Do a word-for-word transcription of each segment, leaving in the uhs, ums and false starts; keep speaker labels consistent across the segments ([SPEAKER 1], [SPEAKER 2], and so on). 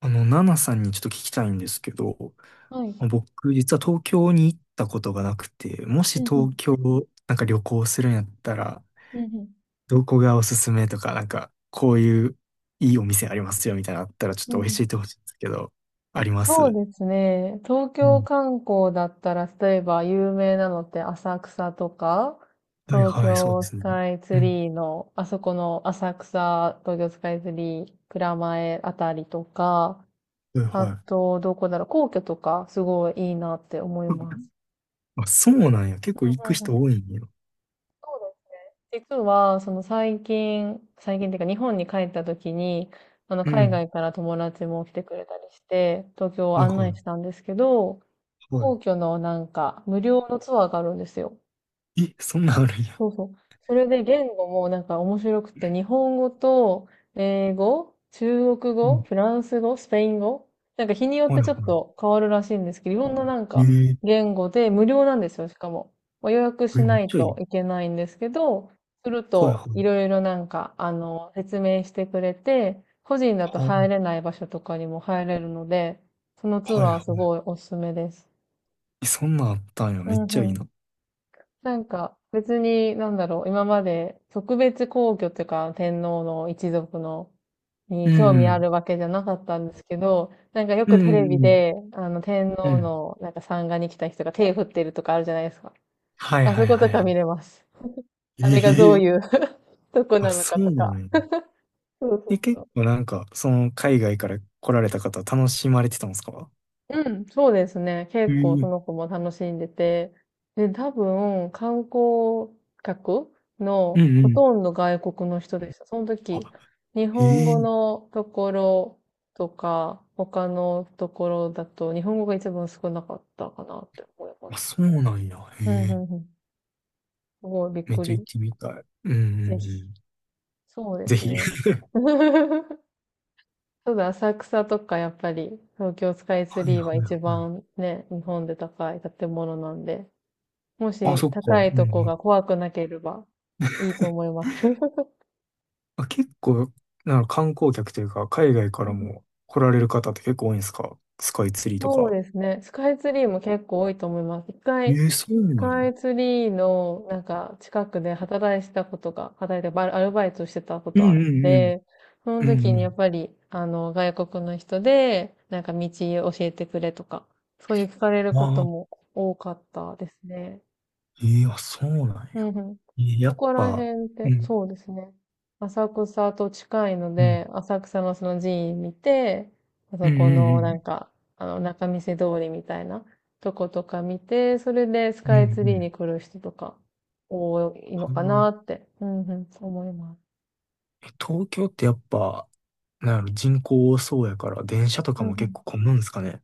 [SPEAKER 1] あの、ナナさんにちょっと聞きたいんですけど、
[SPEAKER 2] はい。
[SPEAKER 1] 僕、実は東京に行ったことがなくて、も
[SPEAKER 2] う
[SPEAKER 1] し
[SPEAKER 2] んうん。
[SPEAKER 1] 東京、なんか旅行するんやったら、
[SPEAKER 2] うんうん。
[SPEAKER 1] どこがおすすめとか、なんか、こういういいお店ありますよみたいなのあったら、ちょっ
[SPEAKER 2] うん
[SPEAKER 1] と
[SPEAKER 2] うん。
[SPEAKER 1] 教えてほしいんですけど、ありま
[SPEAKER 2] そう
[SPEAKER 1] す。
[SPEAKER 2] ですね。東
[SPEAKER 1] う
[SPEAKER 2] 京
[SPEAKER 1] ん。
[SPEAKER 2] 観光だったら、例えば有名なのって浅草とか、
[SPEAKER 1] はい
[SPEAKER 2] 東
[SPEAKER 1] はい、そう
[SPEAKER 2] 京
[SPEAKER 1] で
[SPEAKER 2] ス
[SPEAKER 1] すね。
[SPEAKER 2] カイツ
[SPEAKER 1] うん。
[SPEAKER 2] リーの、あそこの浅草、東京スカイツリー、蔵前あたりとか、
[SPEAKER 1] はい
[SPEAKER 2] あ
[SPEAKER 1] はい。
[SPEAKER 2] と、どこだろう、皇居とか、すごいいいなって思います。
[SPEAKER 1] あ、そうなんや。結構行
[SPEAKER 2] うん
[SPEAKER 1] く
[SPEAKER 2] う
[SPEAKER 1] 人
[SPEAKER 2] ん。
[SPEAKER 1] 多いんや。
[SPEAKER 2] そうです。実は、その最近、最近っていうか日本に帰った時に、あの
[SPEAKER 1] う
[SPEAKER 2] 海
[SPEAKER 1] ん。
[SPEAKER 2] 外から友達も来てくれたりして、東京を
[SPEAKER 1] はい
[SPEAKER 2] 案内
[SPEAKER 1] は
[SPEAKER 2] したんですけど、
[SPEAKER 1] い。は
[SPEAKER 2] 皇居のなんか無料のツアーがあるんですよ。
[SPEAKER 1] い。え、そんなんあるんや。
[SPEAKER 2] そうそう。それで言語もなんか面白くて、日本語と英語、中国
[SPEAKER 1] う
[SPEAKER 2] 語、
[SPEAKER 1] ん。
[SPEAKER 2] フランス語、スペイン語、なんか日によっ
[SPEAKER 1] はい
[SPEAKER 2] てち
[SPEAKER 1] は
[SPEAKER 2] ょっと変わるらしいんですけど、いろんななん
[SPEAKER 1] い。え
[SPEAKER 2] か
[SPEAKER 1] ー
[SPEAKER 2] 言語で無料なんですよ、しかも。まあ予約
[SPEAKER 1] え、
[SPEAKER 2] し
[SPEAKER 1] め
[SPEAKER 2] な
[SPEAKER 1] っ
[SPEAKER 2] い
[SPEAKER 1] ちゃい
[SPEAKER 2] と
[SPEAKER 1] い。
[SPEAKER 2] いけないんですけど、する
[SPEAKER 1] はいは
[SPEAKER 2] とい
[SPEAKER 1] い。
[SPEAKER 2] ろいろなんか、あの、説明してくれて、個人だ
[SPEAKER 1] は
[SPEAKER 2] と入れ
[SPEAKER 1] あ、
[SPEAKER 2] ない場所とかにも入れるので、そのツ
[SPEAKER 1] はい
[SPEAKER 2] アー
[SPEAKER 1] はい。
[SPEAKER 2] すごいおすすめです。
[SPEAKER 1] え、そんなんあったんや。
[SPEAKER 2] う
[SPEAKER 1] めっ
[SPEAKER 2] ん
[SPEAKER 1] ち
[SPEAKER 2] う
[SPEAKER 1] ゃいい
[SPEAKER 2] ん。
[SPEAKER 1] な。
[SPEAKER 2] なんか別に、なんだろう、今まで特別皇居というか天皇の一族の
[SPEAKER 1] う
[SPEAKER 2] に
[SPEAKER 1] ん、
[SPEAKER 2] 興味
[SPEAKER 1] う
[SPEAKER 2] あ
[SPEAKER 1] ん、
[SPEAKER 2] るわけじゃなかったんですけど、なんかよ
[SPEAKER 1] う
[SPEAKER 2] くテレビ
[SPEAKER 1] ん、
[SPEAKER 2] で、あの天
[SPEAKER 1] うんう
[SPEAKER 2] 皇
[SPEAKER 1] ん。
[SPEAKER 2] のなんか参賀に来た人が手振ってるとかあるじゃないですか。
[SPEAKER 1] はい
[SPEAKER 2] あ
[SPEAKER 1] は
[SPEAKER 2] そ
[SPEAKER 1] い
[SPEAKER 2] こ
[SPEAKER 1] は
[SPEAKER 2] と
[SPEAKER 1] い
[SPEAKER 2] か
[SPEAKER 1] はい。
[SPEAKER 2] 見れます。あれがどう
[SPEAKER 1] ええ、
[SPEAKER 2] いう とこ
[SPEAKER 1] あ、
[SPEAKER 2] なの
[SPEAKER 1] そ
[SPEAKER 2] か
[SPEAKER 1] う
[SPEAKER 2] とか。
[SPEAKER 1] なんや。
[SPEAKER 2] そう
[SPEAKER 1] で、
[SPEAKER 2] そ
[SPEAKER 1] 結
[SPEAKER 2] う。
[SPEAKER 1] 構なんか、その海外から来られた方楽しまれてたんですか？
[SPEAKER 2] うん、そうですね。結
[SPEAKER 1] う
[SPEAKER 2] 構
[SPEAKER 1] ん、え
[SPEAKER 2] そ
[SPEAKER 1] え、
[SPEAKER 2] の子も楽しんでて。で、多分、観光客
[SPEAKER 1] う
[SPEAKER 2] の
[SPEAKER 1] ん、う
[SPEAKER 2] ほ
[SPEAKER 1] ん。
[SPEAKER 2] とんど外国の人でした。その時、日
[SPEAKER 1] あ、
[SPEAKER 2] 本語
[SPEAKER 1] ええ、
[SPEAKER 2] のところとか、他のところだと、日本語が一番少なかったかなって思いま
[SPEAKER 1] あ、
[SPEAKER 2] す。
[SPEAKER 1] そうなんや。へ
[SPEAKER 2] うん、う
[SPEAKER 1] え、
[SPEAKER 2] ん、うん。すごいびっ
[SPEAKER 1] めっ
[SPEAKER 2] く
[SPEAKER 1] ちゃ行
[SPEAKER 2] り。
[SPEAKER 1] ってみたい。うんうんう
[SPEAKER 2] ぜひ。
[SPEAKER 1] ん。
[SPEAKER 2] そうで
[SPEAKER 1] ぜ
[SPEAKER 2] す
[SPEAKER 1] ひ。
[SPEAKER 2] ね。ちょっと浅草とかやっぱり東京スカイツ
[SPEAKER 1] はい
[SPEAKER 2] リー
[SPEAKER 1] は
[SPEAKER 2] は一
[SPEAKER 1] いはい。
[SPEAKER 2] 番ね、日本で高い建物なんで、も
[SPEAKER 1] あ、
[SPEAKER 2] し
[SPEAKER 1] そっか。
[SPEAKER 2] 高い
[SPEAKER 1] うんう
[SPEAKER 2] とこ
[SPEAKER 1] ん。
[SPEAKER 2] が怖くなければいいと思います。
[SPEAKER 1] あ、結構、なんか観光客というか、海外か
[SPEAKER 2] うん
[SPEAKER 1] ら
[SPEAKER 2] うん。
[SPEAKER 1] も来られる方って結構多いんですか？スカイツリーと
[SPEAKER 2] そう
[SPEAKER 1] か。
[SPEAKER 2] ですね。スカイツリーも結構多いと思います。一
[SPEAKER 1] え
[SPEAKER 2] 回、
[SPEAKER 1] え、そう
[SPEAKER 2] ス
[SPEAKER 1] なん
[SPEAKER 2] カイ
[SPEAKER 1] や。
[SPEAKER 2] ツリーのなんか近くで働いてたことが、働いてバイアルバイトしてたこ
[SPEAKER 1] うん
[SPEAKER 2] とあっ
[SPEAKER 1] うんうん。
[SPEAKER 2] て、その
[SPEAKER 1] う
[SPEAKER 2] 時
[SPEAKER 1] んう
[SPEAKER 2] にやっ
[SPEAKER 1] ん。
[SPEAKER 2] ぱり、あの、外国の人で、なんか道教えてくれとか、そういう聞かれる
[SPEAKER 1] ま
[SPEAKER 2] こと
[SPEAKER 1] あ、
[SPEAKER 2] も多かったですね。
[SPEAKER 1] ええ、あ、そうなん
[SPEAKER 2] うん
[SPEAKER 1] や。
[SPEAKER 2] うん。
[SPEAKER 1] ええ、や
[SPEAKER 2] そ
[SPEAKER 1] っ
[SPEAKER 2] こら
[SPEAKER 1] ぱ、
[SPEAKER 2] 辺っ
[SPEAKER 1] う
[SPEAKER 2] て、
[SPEAKER 1] ん
[SPEAKER 2] そうですね。浅草と近いの
[SPEAKER 1] うん
[SPEAKER 2] で、浅草のその寺院見て、あ
[SPEAKER 1] う
[SPEAKER 2] そ
[SPEAKER 1] ん
[SPEAKER 2] こ
[SPEAKER 1] う
[SPEAKER 2] のなん
[SPEAKER 1] ん
[SPEAKER 2] か、あの、仲見世通りみたいなとことか見て、それでス
[SPEAKER 1] うんう
[SPEAKER 2] カ
[SPEAKER 1] んう
[SPEAKER 2] イツリーに
[SPEAKER 1] ん、
[SPEAKER 2] 来る人とか多いの
[SPEAKER 1] あ
[SPEAKER 2] かな
[SPEAKER 1] の、
[SPEAKER 2] って、うんうん、思います。
[SPEAKER 1] え、東京ってやっぱ、なんやろ、人口多そうやから、電車と
[SPEAKER 2] う
[SPEAKER 1] か
[SPEAKER 2] んう
[SPEAKER 1] も結
[SPEAKER 2] ん。
[SPEAKER 1] 構混むんすかね？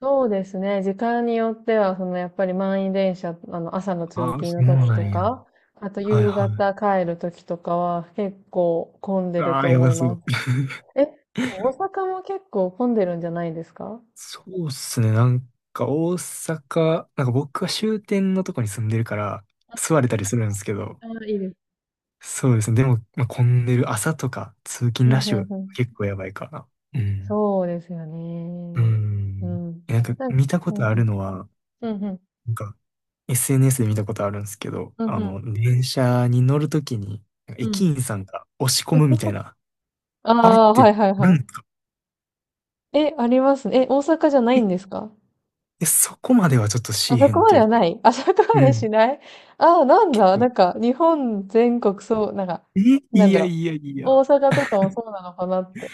[SPEAKER 2] そうですね。時間によっては、そのやっぱり満員電車、あの、朝の通
[SPEAKER 1] ああ、
[SPEAKER 2] 勤
[SPEAKER 1] そ
[SPEAKER 2] の
[SPEAKER 1] う
[SPEAKER 2] 時
[SPEAKER 1] な
[SPEAKER 2] と
[SPEAKER 1] んや。
[SPEAKER 2] か、あと
[SPEAKER 1] はい
[SPEAKER 2] 夕
[SPEAKER 1] はい。
[SPEAKER 2] 方帰る時とかは結構混んでる
[SPEAKER 1] ああ、
[SPEAKER 2] と
[SPEAKER 1] や
[SPEAKER 2] 思
[SPEAKER 1] ば
[SPEAKER 2] い
[SPEAKER 1] そ
[SPEAKER 2] ま
[SPEAKER 1] う。
[SPEAKER 2] す。え、でも大阪も結構混んでるんじゃないですか？
[SPEAKER 1] そうっすね。なんか大阪、なんか僕は終点のとこに住んでるから、座れたりするんですけど、
[SPEAKER 2] ああ、いいです。
[SPEAKER 1] そうですね。でも、まあ、混んでる朝とか通
[SPEAKER 2] う
[SPEAKER 1] 勤ラッ
[SPEAKER 2] ん
[SPEAKER 1] シ
[SPEAKER 2] う
[SPEAKER 1] ュ
[SPEAKER 2] んうん。
[SPEAKER 1] 結構やばいかな。うん。
[SPEAKER 2] そうですよ
[SPEAKER 1] う
[SPEAKER 2] ね。う
[SPEAKER 1] ん。
[SPEAKER 2] ん。
[SPEAKER 1] え、なんか
[SPEAKER 2] なん、
[SPEAKER 1] 見たこ
[SPEAKER 2] うん
[SPEAKER 1] とあ
[SPEAKER 2] う
[SPEAKER 1] る
[SPEAKER 2] ん。
[SPEAKER 1] のは、
[SPEAKER 2] うんうん。
[SPEAKER 1] なんか エスエヌエス で見たことあるんですけど、
[SPEAKER 2] うん
[SPEAKER 1] あ
[SPEAKER 2] う
[SPEAKER 1] の、
[SPEAKER 2] ん。
[SPEAKER 1] 電車に乗るときに駅員さんが押し込むみたいな、
[SPEAKER 2] あ
[SPEAKER 1] あれっ
[SPEAKER 2] あ、
[SPEAKER 1] て
[SPEAKER 2] はいはい
[SPEAKER 1] ある
[SPEAKER 2] は
[SPEAKER 1] んですか？
[SPEAKER 2] い。え、ありますね。え、大阪じゃない
[SPEAKER 1] え、
[SPEAKER 2] んですか？
[SPEAKER 1] え、そこまではちょっとし
[SPEAKER 2] あ
[SPEAKER 1] ー
[SPEAKER 2] そ
[SPEAKER 1] へ
[SPEAKER 2] こ
[SPEAKER 1] んっ
[SPEAKER 2] ま
[SPEAKER 1] て
[SPEAKER 2] で
[SPEAKER 1] いう
[SPEAKER 2] はな
[SPEAKER 1] か。
[SPEAKER 2] い。あそこま
[SPEAKER 1] う
[SPEAKER 2] でし
[SPEAKER 1] ん。
[SPEAKER 2] ない。ああー、なん
[SPEAKER 1] 結
[SPEAKER 2] だ。な
[SPEAKER 1] 構、
[SPEAKER 2] んか、日本全国そう、なんか、
[SPEAKER 1] え、
[SPEAKER 2] なん
[SPEAKER 1] い
[SPEAKER 2] だ
[SPEAKER 1] や
[SPEAKER 2] ろう。
[SPEAKER 1] いやいや。
[SPEAKER 2] 大阪とかもそうなのかなって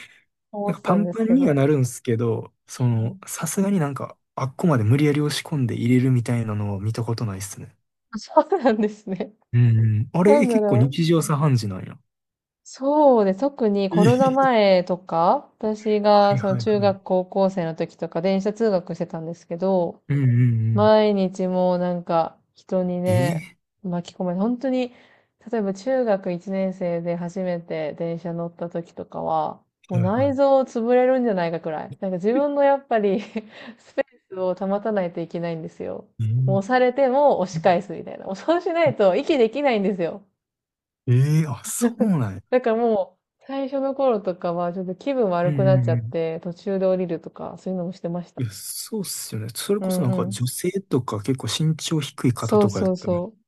[SPEAKER 2] 思
[SPEAKER 1] なん
[SPEAKER 2] っ
[SPEAKER 1] か
[SPEAKER 2] て
[SPEAKER 1] パ
[SPEAKER 2] たん
[SPEAKER 1] ン
[SPEAKER 2] で
[SPEAKER 1] パ
[SPEAKER 2] す
[SPEAKER 1] ン
[SPEAKER 2] け
[SPEAKER 1] に
[SPEAKER 2] ど。
[SPEAKER 1] は
[SPEAKER 2] う
[SPEAKER 1] なるんですけど、そ
[SPEAKER 2] んう
[SPEAKER 1] の、
[SPEAKER 2] ん。
[SPEAKER 1] さすがになんか、あっこまで無理やり押し込んで入れるみたいなのを見たことないっすね。
[SPEAKER 2] あ そうなんですね。
[SPEAKER 1] うん。あ
[SPEAKER 2] な
[SPEAKER 1] れ、え、
[SPEAKER 2] んだ
[SPEAKER 1] 結構
[SPEAKER 2] ろう。
[SPEAKER 1] 日常茶飯事なんや。
[SPEAKER 2] そうで、特に
[SPEAKER 1] え
[SPEAKER 2] コロナ
[SPEAKER 1] ー、
[SPEAKER 2] 前とか、私
[SPEAKER 1] は
[SPEAKER 2] が
[SPEAKER 1] い
[SPEAKER 2] その
[SPEAKER 1] はいはい。
[SPEAKER 2] 中
[SPEAKER 1] うん。
[SPEAKER 2] 学高校生の時とか電車通学してたんですけど、
[SPEAKER 1] うんうんうん、
[SPEAKER 2] 毎日もうなんか人に
[SPEAKER 1] え
[SPEAKER 2] ね、
[SPEAKER 1] ー、
[SPEAKER 2] 巻き込まれて、本当に、例えば中学いちねん生で初めて電車乗った時とかは、も
[SPEAKER 1] は
[SPEAKER 2] う
[SPEAKER 1] いはい。
[SPEAKER 2] 内臓潰れるんじゃないかくらい。なんか自分
[SPEAKER 1] え
[SPEAKER 2] のやっぱり スペースを保たないといけないんですよ。もう押
[SPEAKER 1] え
[SPEAKER 2] されても押し返すみたいな。もうそうしないと息できないんですよ。
[SPEAKER 1] えー、あ、そうなんや。
[SPEAKER 2] だからもう、最初の頃とかは、ちょっと気分
[SPEAKER 1] う
[SPEAKER 2] 悪
[SPEAKER 1] んう
[SPEAKER 2] くなっちゃっ
[SPEAKER 1] ん
[SPEAKER 2] て、途中で降りるとか、そういうのもしてました。
[SPEAKER 1] うん。いや、そうっすよね。それ
[SPEAKER 2] う
[SPEAKER 1] こそ
[SPEAKER 2] ん
[SPEAKER 1] なん
[SPEAKER 2] う
[SPEAKER 1] か
[SPEAKER 2] ん。
[SPEAKER 1] 女性とか結構身長低い方
[SPEAKER 2] そう
[SPEAKER 1] とかやっ
[SPEAKER 2] そう
[SPEAKER 1] たらね
[SPEAKER 2] そう。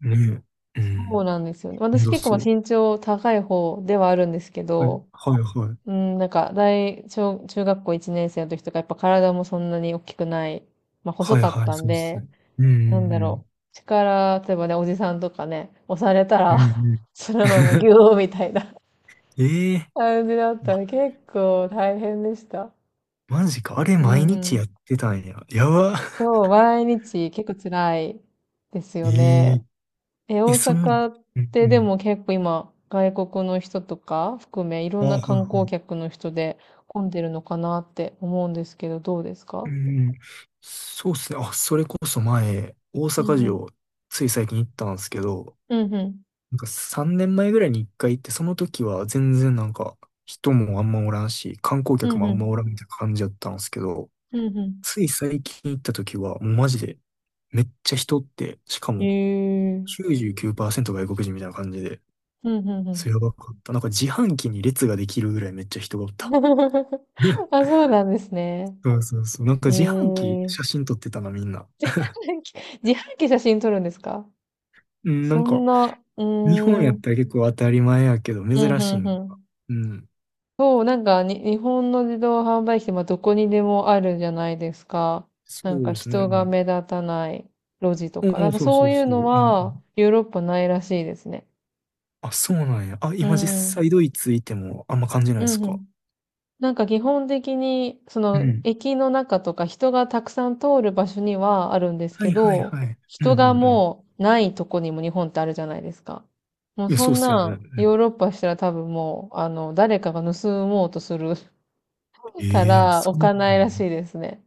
[SPEAKER 1] え。う
[SPEAKER 2] そう
[SPEAKER 1] ん。
[SPEAKER 2] なんですよね。私
[SPEAKER 1] 運
[SPEAKER 2] 結構まあ
[SPEAKER 1] そう。
[SPEAKER 2] 身長高い方ではあるんですけど、
[SPEAKER 1] はいはいはい。
[SPEAKER 2] うん、なんか大、小、中学校いちねん生の時とか、やっぱ体もそんなに大きくない、まあ細
[SPEAKER 1] はい
[SPEAKER 2] かっ
[SPEAKER 1] はい、
[SPEAKER 2] たん
[SPEAKER 1] そうっす
[SPEAKER 2] で、
[SPEAKER 1] ね。う
[SPEAKER 2] なんだ
[SPEAKER 1] ん
[SPEAKER 2] ろう。力、例えばね、おじさんとかね、押された
[SPEAKER 1] う
[SPEAKER 2] ら
[SPEAKER 1] んうん。うんうん。
[SPEAKER 2] そのままギュ ーみたいな
[SPEAKER 1] ええ、
[SPEAKER 2] 感じだったら結構大変でした。
[SPEAKER 1] マジか。あれ
[SPEAKER 2] う
[SPEAKER 1] 毎
[SPEAKER 2] んう
[SPEAKER 1] 日
[SPEAKER 2] ん。
[SPEAKER 1] やってたんや。やば。
[SPEAKER 2] そう、毎日結構辛いです よ
[SPEAKER 1] ええ、
[SPEAKER 2] ね。え、大
[SPEAKER 1] え、そんな、
[SPEAKER 2] 阪っ
[SPEAKER 1] うん
[SPEAKER 2] て
[SPEAKER 1] う
[SPEAKER 2] で
[SPEAKER 1] ん。
[SPEAKER 2] も結構今、外国の人とか含め、いろ
[SPEAKER 1] あ、
[SPEAKER 2] んな
[SPEAKER 1] はいは
[SPEAKER 2] 観光
[SPEAKER 1] い。
[SPEAKER 2] 客の人で混んでるのかなって思うんですけど、どうですか？
[SPEAKER 1] うんうん。そうっすね。あ、それこそ前、大
[SPEAKER 2] う
[SPEAKER 1] 阪
[SPEAKER 2] んうん。
[SPEAKER 1] 城、つい最近行ったんですけど、
[SPEAKER 2] うんうん。
[SPEAKER 1] なんかさんねんまえぐらいにいっかい行って、その時は全然なんか人もあんまおらんし、観光
[SPEAKER 2] う
[SPEAKER 1] 客
[SPEAKER 2] ん
[SPEAKER 1] もあ
[SPEAKER 2] う
[SPEAKER 1] んまお
[SPEAKER 2] ん。
[SPEAKER 1] らんみたいな感じだったんですけど、
[SPEAKER 2] うんう
[SPEAKER 1] つい最近行った時は、もうマジで、めっちゃ人って、しか
[SPEAKER 2] ん。へ
[SPEAKER 1] も
[SPEAKER 2] え。
[SPEAKER 1] きゅうじゅうきゅうパーセント外国人みたいな感じで、
[SPEAKER 2] うんうんう
[SPEAKER 1] そ
[SPEAKER 2] ん。
[SPEAKER 1] れやばかった。なんか自販機に列ができるぐらいめっちゃ人がおった。
[SPEAKER 2] あ、そうなんですね。
[SPEAKER 1] そうそうそう。なんか
[SPEAKER 2] へ
[SPEAKER 1] 自販機
[SPEAKER 2] え。
[SPEAKER 1] 写真撮ってたな、みんな。
[SPEAKER 2] 自販機写真撮るんですか？
[SPEAKER 1] うん、なん
[SPEAKER 2] そ
[SPEAKER 1] か、
[SPEAKER 2] んな、うー
[SPEAKER 1] 日本
[SPEAKER 2] ん。
[SPEAKER 1] や
[SPEAKER 2] う
[SPEAKER 1] っ
[SPEAKER 2] ん
[SPEAKER 1] たら結構当たり前やけど、
[SPEAKER 2] うん
[SPEAKER 1] 珍
[SPEAKER 2] う
[SPEAKER 1] しいんか。
[SPEAKER 2] ん。
[SPEAKER 1] うん。
[SPEAKER 2] そう、なんかに、日本の自動販売機って、まあ、どこにでもあるじゃないですか。
[SPEAKER 1] そ
[SPEAKER 2] なん
[SPEAKER 1] う
[SPEAKER 2] か
[SPEAKER 1] ですね。う
[SPEAKER 2] 人が
[SPEAKER 1] ん。
[SPEAKER 2] 目立たない路地とか。な
[SPEAKER 1] う
[SPEAKER 2] ん
[SPEAKER 1] ん、
[SPEAKER 2] か
[SPEAKER 1] そう
[SPEAKER 2] そ
[SPEAKER 1] そ
[SPEAKER 2] う
[SPEAKER 1] う
[SPEAKER 2] いう
[SPEAKER 1] そう。う
[SPEAKER 2] の
[SPEAKER 1] んう
[SPEAKER 2] は
[SPEAKER 1] ん。
[SPEAKER 2] ヨーロッパないらしいですね。
[SPEAKER 1] あ、そうなんや。あ、
[SPEAKER 2] う
[SPEAKER 1] 今実
[SPEAKER 2] ん。う
[SPEAKER 1] 際ドイツいてもあんま感じな
[SPEAKER 2] ん
[SPEAKER 1] いです
[SPEAKER 2] う
[SPEAKER 1] か？
[SPEAKER 2] ん。なんか基本的に、そ
[SPEAKER 1] う
[SPEAKER 2] の
[SPEAKER 1] ん。
[SPEAKER 2] 駅の中とか人がたくさん通る場所にはあるんです
[SPEAKER 1] は
[SPEAKER 2] け
[SPEAKER 1] いはい
[SPEAKER 2] ど、
[SPEAKER 1] はい。うんう
[SPEAKER 2] 人が
[SPEAKER 1] んうん。
[SPEAKER 2] もうないとこにも日本ってあるじゃないですか。もう
[SPEAKER 1] いや、
[SPEAKER 2] そ
[SPEAKER 1] そうっ
[SPEAKER 2] ん
[SPEAKER 1] すよね。
[SPEAKER 2] な
[SPEAKER 1] う
[SPEAKER 2] ん
[SPEAKER 1] ん。
[SPEAKER 2] ヨーロッパしたら多分もう、あの、誰かが盗もうとするか
[SPEAKER 1] ええ、あ、
[SPEAKER 2] ら
[SPEAKER 1] そ
[SPEAKER 2] 置
[SPEAKER 1] うなん
[SPEAKER 2] かないら
[SPEAKER 1] や
[SPEAKER 2] し
[SPEAKER 1] ね。
[SPEAKER 2] いですね。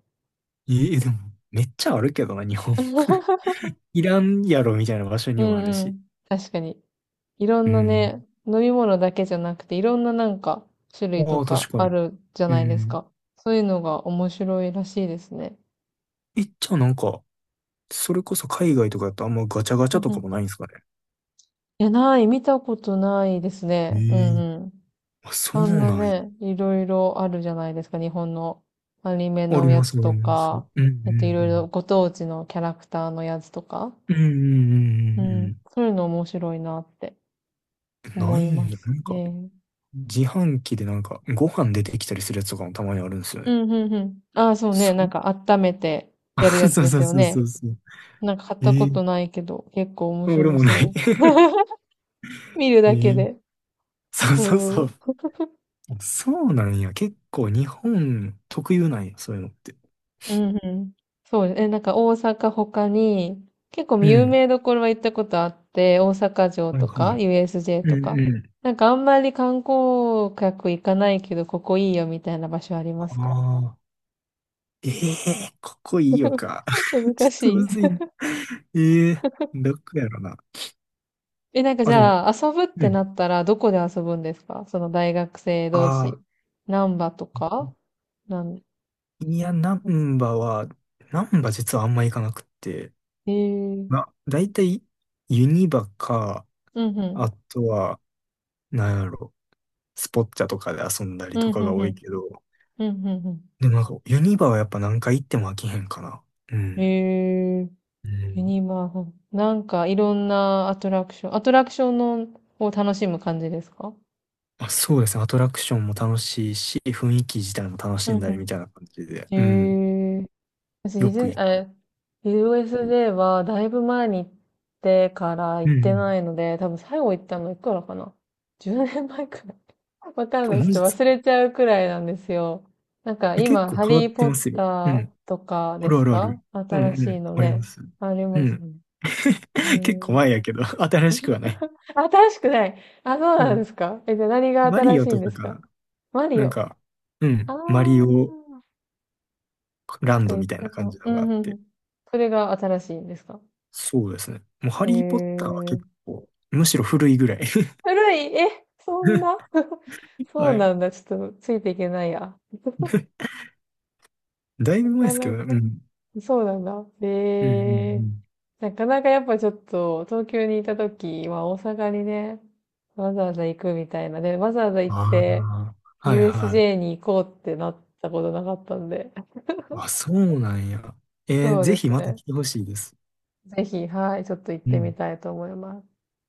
[SPEAKER 1] ええ、でも、めっちゃあるけどな、日本。いらんやろ、みたいな場所
[SPEAKER 2] う
[SPEAKER 1] にもある
[SPEAKER 2] んう
[SPEAKER 1] し。
[SPEAKER 2] ん。確かに。いろ
[SPEAKER 1] う
[SPEAKER 2] んな
[SPEAKER 1] ん。
[SPEAKER 2] ね、飲み物だけじゃなくて、いろんななんか種類
[SPEAKER 1] あ
[SPEAKER 2] と
[SPEAKER 1] あ、
[SPEAKER 2] か
[SPEAKER 1] 確か
[SPEAKER 2] あ
[SPEAKER 1] に。
[SPEAKER 2] るじゃ
[SPEAKER 1] う
[SPEAKER 2] ないです
[SPEAKER 1] ん。
[SPEAKER 2] か。そういうのが面白いらしいですね。
[SPEAKER 1] え、じゃあなんか、それこそ海外とかだとあんまガチャガ
[SPEAKER 2] う
[SPEAKER 1] チャ
[SPEAKER 2] ん
[SPEAKER 1] と
[SPEAKER 2] う
[SPEAKER 1] か
[SPEAKER 2] ん。
[SPEAKER 1] もないんですかね？
[SPEAKER 2] いや、ない、見たことないです
[SPEAKER 1] え
[SPEAKER 2] ね。うん
[SPEAKER 1] え、
[SPEAKER 2] うん。
[SPEAKER 1] あ、そう
[SPEAKER 2] あんな
[SPEAKER 1] なんや。
[SPEAKER 2] ね、いろいろあるじゃないですか。日本のアニメ
[SPEAKER 1] あ
[SPEAKER 2] の
[SPEAKER 1] り
[SPEAKER 2] や
[SPEAKER 1] ます、
[SPEAKER 2] つ
[SPEAKER 1] あり
[SPEAKER 2] と
[SPEAKER 1] ます。うん
[SPEAKER 2] か、
[SPEAKER 1] う
[SPEAKER 2] えっと、いろいろ
[SPEAKER 1] ん
[SPEAKER 2] ご当地のキャラクターのやつとか。
[SPEAKER 1] うん。うんうんうんう
[SPEAKER 2] う
[SPEAKER 1] んうんう
[SPEAKER 2] ん。
[SPEAKER 1] ん
[SPEAKER 2] そういうの面白いなって
[SPEAKER 1] うん、な
[SPEAKER 2] 思
[SPEAKER 1] い
[SPEAKER 2] い
[SPEAKER 1] んや。
[SPEAKER 2] ま
[SPEAKER 1] な
[SPEAKER 2] す
[SPEAKER 1] んか、
[SPEAKER 2] ね。
[SPEAKER 1] 自販機でなんか、ご飯出てきたりするやつとかもたまにあるんですよ
[SPEAKER 2] う
[SPEAKER 1] ね。
[SPEAKER 2] ん、うん、うん。ああ、そうね。
[SPEAKER 1] そ
[SPEAKER 2] なん
[SPEAKER 1] う
[SPEAKER 2] か温めてやるや つ
[SPEAKER 1] そう
[SPEAKER 2] で
[SPEAKER 1] そ
[SPEAKER 2] す
[SPEAKER 1] う
[SPEAKER 2] よ
[SPEAKER 1] そう
[SPEAKER 2] ね。
[SPEAKER 1] そうそう。
[SPEAKER 2] なんか買った
[SPEAKER 1] え
[SPEAKER 2] こ
[SPEAKER 1] え、
[SPEAKER 2] とないけど、結構面
[SPEAKER 1] あ、俺
[SPEAKER 2] 白
[SPEAKER 1] もない。
[SPEAKER 2] そう。見るだ
[SPEAKER 1] え
[SPEAKER 2] け
[SPEAKER 1] え、
[SPEAKER 2] で。
[SPEAKER 1] そうそうそ
[SPEAKER 2] そ
[SPEAKER 1] う。
[SPEAKER 2] う。
[SPEAKER 1] そうなんや。結構日本特有なんや、そういうのって。
[SPEAKER 2] うん、うん。そうです。え、なんか大阪他に、結構
[SPEAKER 1] う
[SPEAKER 2] 有
[SPEAKER 1] ん。
[SPEAKER 2] 名どころは行ったことあって、大阪城
[SPEAKER 1] はい
[SPEAKER 2] と
[SPEAKER 1] は
[SPEAKER 2] か
[SPEAKER 1] い。
[SPEAKER 2] ユーエスジェー
[SPEAKER 1] う
[SPEAKER 2] と
[SPEAKER 1] ん
[SPEAKER 2] か。
[SPEAKER 1] うん。
[SPEAKER 2] なんかあんまり観光客行かないけど、ここいいよみたいな場所あり
[SPEAKER 1] あ
[SPEAKER 2] ますか？
[SPEAKER 1] あ。ええー、ここいいよ か。ちょ
[SPEAKER 2] 難
[SPEAKER 1] っと
[SPEAKER 2] しい。
[SPEAKER 1] むずいな。ええー、どこやろな。
[SPEAKER 2] え、なんか
[SPEAKER 1] あ、
[SPEAKER 2] じ
[SPEAKER 1] でも、
[SPEAKER 2] ゃあ、遊ぶっ
[SPEAKER 1] う
[SPEAKER 2] てな
[SPEAKER 1] ん。
[SPEAKER 2] ったら、どこで遊ぶんですか？その大学生
[SPEAKER 1] あ
[SPEAKER 2] 同士。
[SPEAKER 1] あ、
[SPEAKER 2] 難波とか？なん、
[SPEAKER 1] いや、ナンバは、ナンバ実はあんま行かなくって、
[SPEAKER 2] えー、
[SPEAKER 1] な、だいたいユニバか、
[SPEAKER 2] うんうん。
[SPEAKER 1] あとは、なんやろ、スポッチャとかで遊んだ
[SPEAKER 2] う
[SPEAKER 1] り
[SPEAKER 2] ん
[SPEAKER 1] とか
[SPEAKER 2] う
[SPEAKER 1] が
[SPEAKER 2] ん
[SPEAKER 1] 多
[SPEAKER 2] う
[SPEAKER 1] い
[SPEAKER 2] ん。
[SPEAKER 1] けど、
[SPEAKER 2] うんうんう
[SPEAKER 1] でもなんか、ユニバはやっぱ何回行っても飽きへんかな。う
[SPEAKER 2] ん。
[SPEAKER 1] ん。
[SPEAKER 2] えー、
[SPEAKER 1] う
[SPEAKER 2] ユ
[SPEAKER 1] ん。
[SPEAKER 2] ニバーフ。なんか、いろんなアトラクション。アトラクションのを楽しむ感じですか？
[SPEAKER 1] あ、そうですね。アトラクションも楽しいし、雰囲気自体も楽
[SPEAKER 2] う
[SPEAKER 1] しん
[SPEAKER 2] ん
[SPEAKER 1] だり
[SPEAKER 2] う
[SPEAKER 1] みたいな感じで、
[SPEAKER 2] ん。
[SPEAKER 1] うん。
[SPEAKER 2] え、私デ
[SPEAKER 1] よ
[SPEAKER 2] ィ
[SPEAKER 1] く
[SPEAKER 2] ズ、
[SPEAKER 1] 行く。
[SPEAKER 2] え、ユーエスジェー はだいぶ前に行ってから行っ
[SPEAKER 1] う
[SPEAKER 2] て
[SPEAKER 1] ん。
[SPEAKER 2] ないので、多分最後行ったのいくらかな？ じゅうねん 年前くらい。わかん
[SPEAKER 1] あ、
[SPEAKER 2] ない。
[SPEAKER 1] マ
[SPEAKER 2] ちょっと
[SPEAKER 1] ジです
[SPEAKER 2] 忘
[SPEAKER 1] か？
[SPEAKER 2] れちゃうくらいなんですよ。なんか
[SPEAKER 1] え、結
[SPEAKER 2] 今、
[SPEAKER 1] 構
[SPEAKER 2] ハ
[SPEAKER 1] 変わ
[SPEAKER 2] リ
[SPEAKER 1] っ
[SPEAKER 2] ー
[SPEAKER 1] て
[SPEAKER 2] ポッ
[SPEAKER 1] ますよ。う
[SPEAKER 2] ター
[SPEAKER 1] ん。
[SPEAKER 2] とか
[SPEAKER 1] あ
[SPEAKER 2] で
[SPEAKER 1] るあ
[SPEAKER 2] す
[SPEAKER 1] るあ
[SPEAKER 2] か？
[SPEAKER 1] る。うん
[SPEAKER 2] 新
[SPEAKER 1] う
[SPEAKER 2] しい
[SPEAKER 1] ん。
[SPEAKER 2] の
[SPEAKER 1] ありま
[SPEAKER 2] ね。
[SPEAKER 1] す。
[SPEAKER 2] あり
[SPEAKER 1] う
[SPEAKER 2] ます
[SPEAKER 1] ん。
[SPEAKER 2] ね。え
[SPEAKER 1] 結構
[SPEAKER 2] ー、
[SPEAKER 1] 前やけど、新しくはない。
[SPEAKER 2] 新しくない。あ、そう
[SPEAKER 1] う
[SPEAKER 2] なんで
[SPEAKER 1] ん。
[SPEAKER 2] すか？え、じゃあ何が
[SPEAKER 1] マリ
[SPEAKER 2] 新し
[SPEAKER 1] オ
[SPEAKER 2] い
[SPEAKER 1] と
[SPEAKER 2] んで
[SPEAKER 1] か
[SPEAKER 2] す
[SPEAKER 1] か
[SPEAKER 2] か？
[SPEAKER 1] な。
[SPEAKER 2] マリ
[SPEAKER 1] なん
[SPEAKER 2] オ。
[SPEAKER 1] か、う
[SPEAKER 2] あ
[SPEAKER 1] ん。
[SPEAKER 2] ー、
[SPEAKER 1] マリオ
[SPEAKER 2] な
[SPEAKER 1] ラ
[SPEAKER 2] ん
[SPEAKER 1] ン
[SPEAKER 2] か
[SPEAKER 1] ド
[SPEAKER 2] 言っ
[SPEAKER 1] み
[SPEAKER 2] て
[SPEAKER 1] たい
[SPEAKER 2] た
[SPEAKER 1] な
[SPEAKER 2] か
[SPEAKER 1] 感
[SPEAKER 2] も。
[SPEAKER 1] じ
[SPEAKER 2] う
[SPEAKER 1] のがあ
[SPEAKER 2] んう
[SPEAKER 1] っ
[SPEAKER 2] んう
[SPEAKER 1] て。
[SPEAKER 2] ん。それが新しいんですか？
[SPEAKER 1] そうですね。もうハ
[SPEAKER 2] へ
[SPEAKER 1] リー・ポッターは
[SPEAKER 2] え。
[SPEAKER 1] 結構、むしろ古いぐらい。
[SPEAKER 2] 古い、え、そんな そう
[SPEAKER 1] はい。
[SPEAKER 2] なんだ。ちょっとついていけないや。
[SPEAKER 1] だ
[SPEAKER 2] な
[SPEAKER 1] いぶ前で
[SPEAKER 2] か
[SPEAKER 1] すけ
[SPEAKER 2] な
[SPEAKER 1] どね。う
[SPEAKER 2] か。
[SPEAKER 1] ん。
[SPEAKER 2] そうなんだ。
[SPEAKER 1] うんうんう
[SPEAKER 2] へえ。
[SPEAKER 1] ん。
[SPEAKER 2] なかなかやっぱちょっと東京にいた時は大阪にね、わざわざ行くみたいな。で、わざわざ行っ
[SPEAKER 1] あ
[SPEAKER 2] て
[SPEAKER 1] あ、はいはい。
[SPEAKER 2] ユーエスジェー に行こうってなったことなかったんで。
[SPEAKER 1] あ、そうなんや。えー
[SPEAKER 2] そう
[SPEAKER 1] ぜ
[SPEAKER 2] で
[SPEAKER 1] ひ
[SPEAKER 2] す
[SPEAKER 1] また
[SPEAKER 2] ね。
[SPEAKER 1] 来てほしいです。
[SPEAKER 2] ぜひ、はい、ちょっと行っ
[SPEAKER 1] う
[SPEAKER 2] てみ
[SPEAKER 1] ん。
[SPEAKER 2] たいと思います。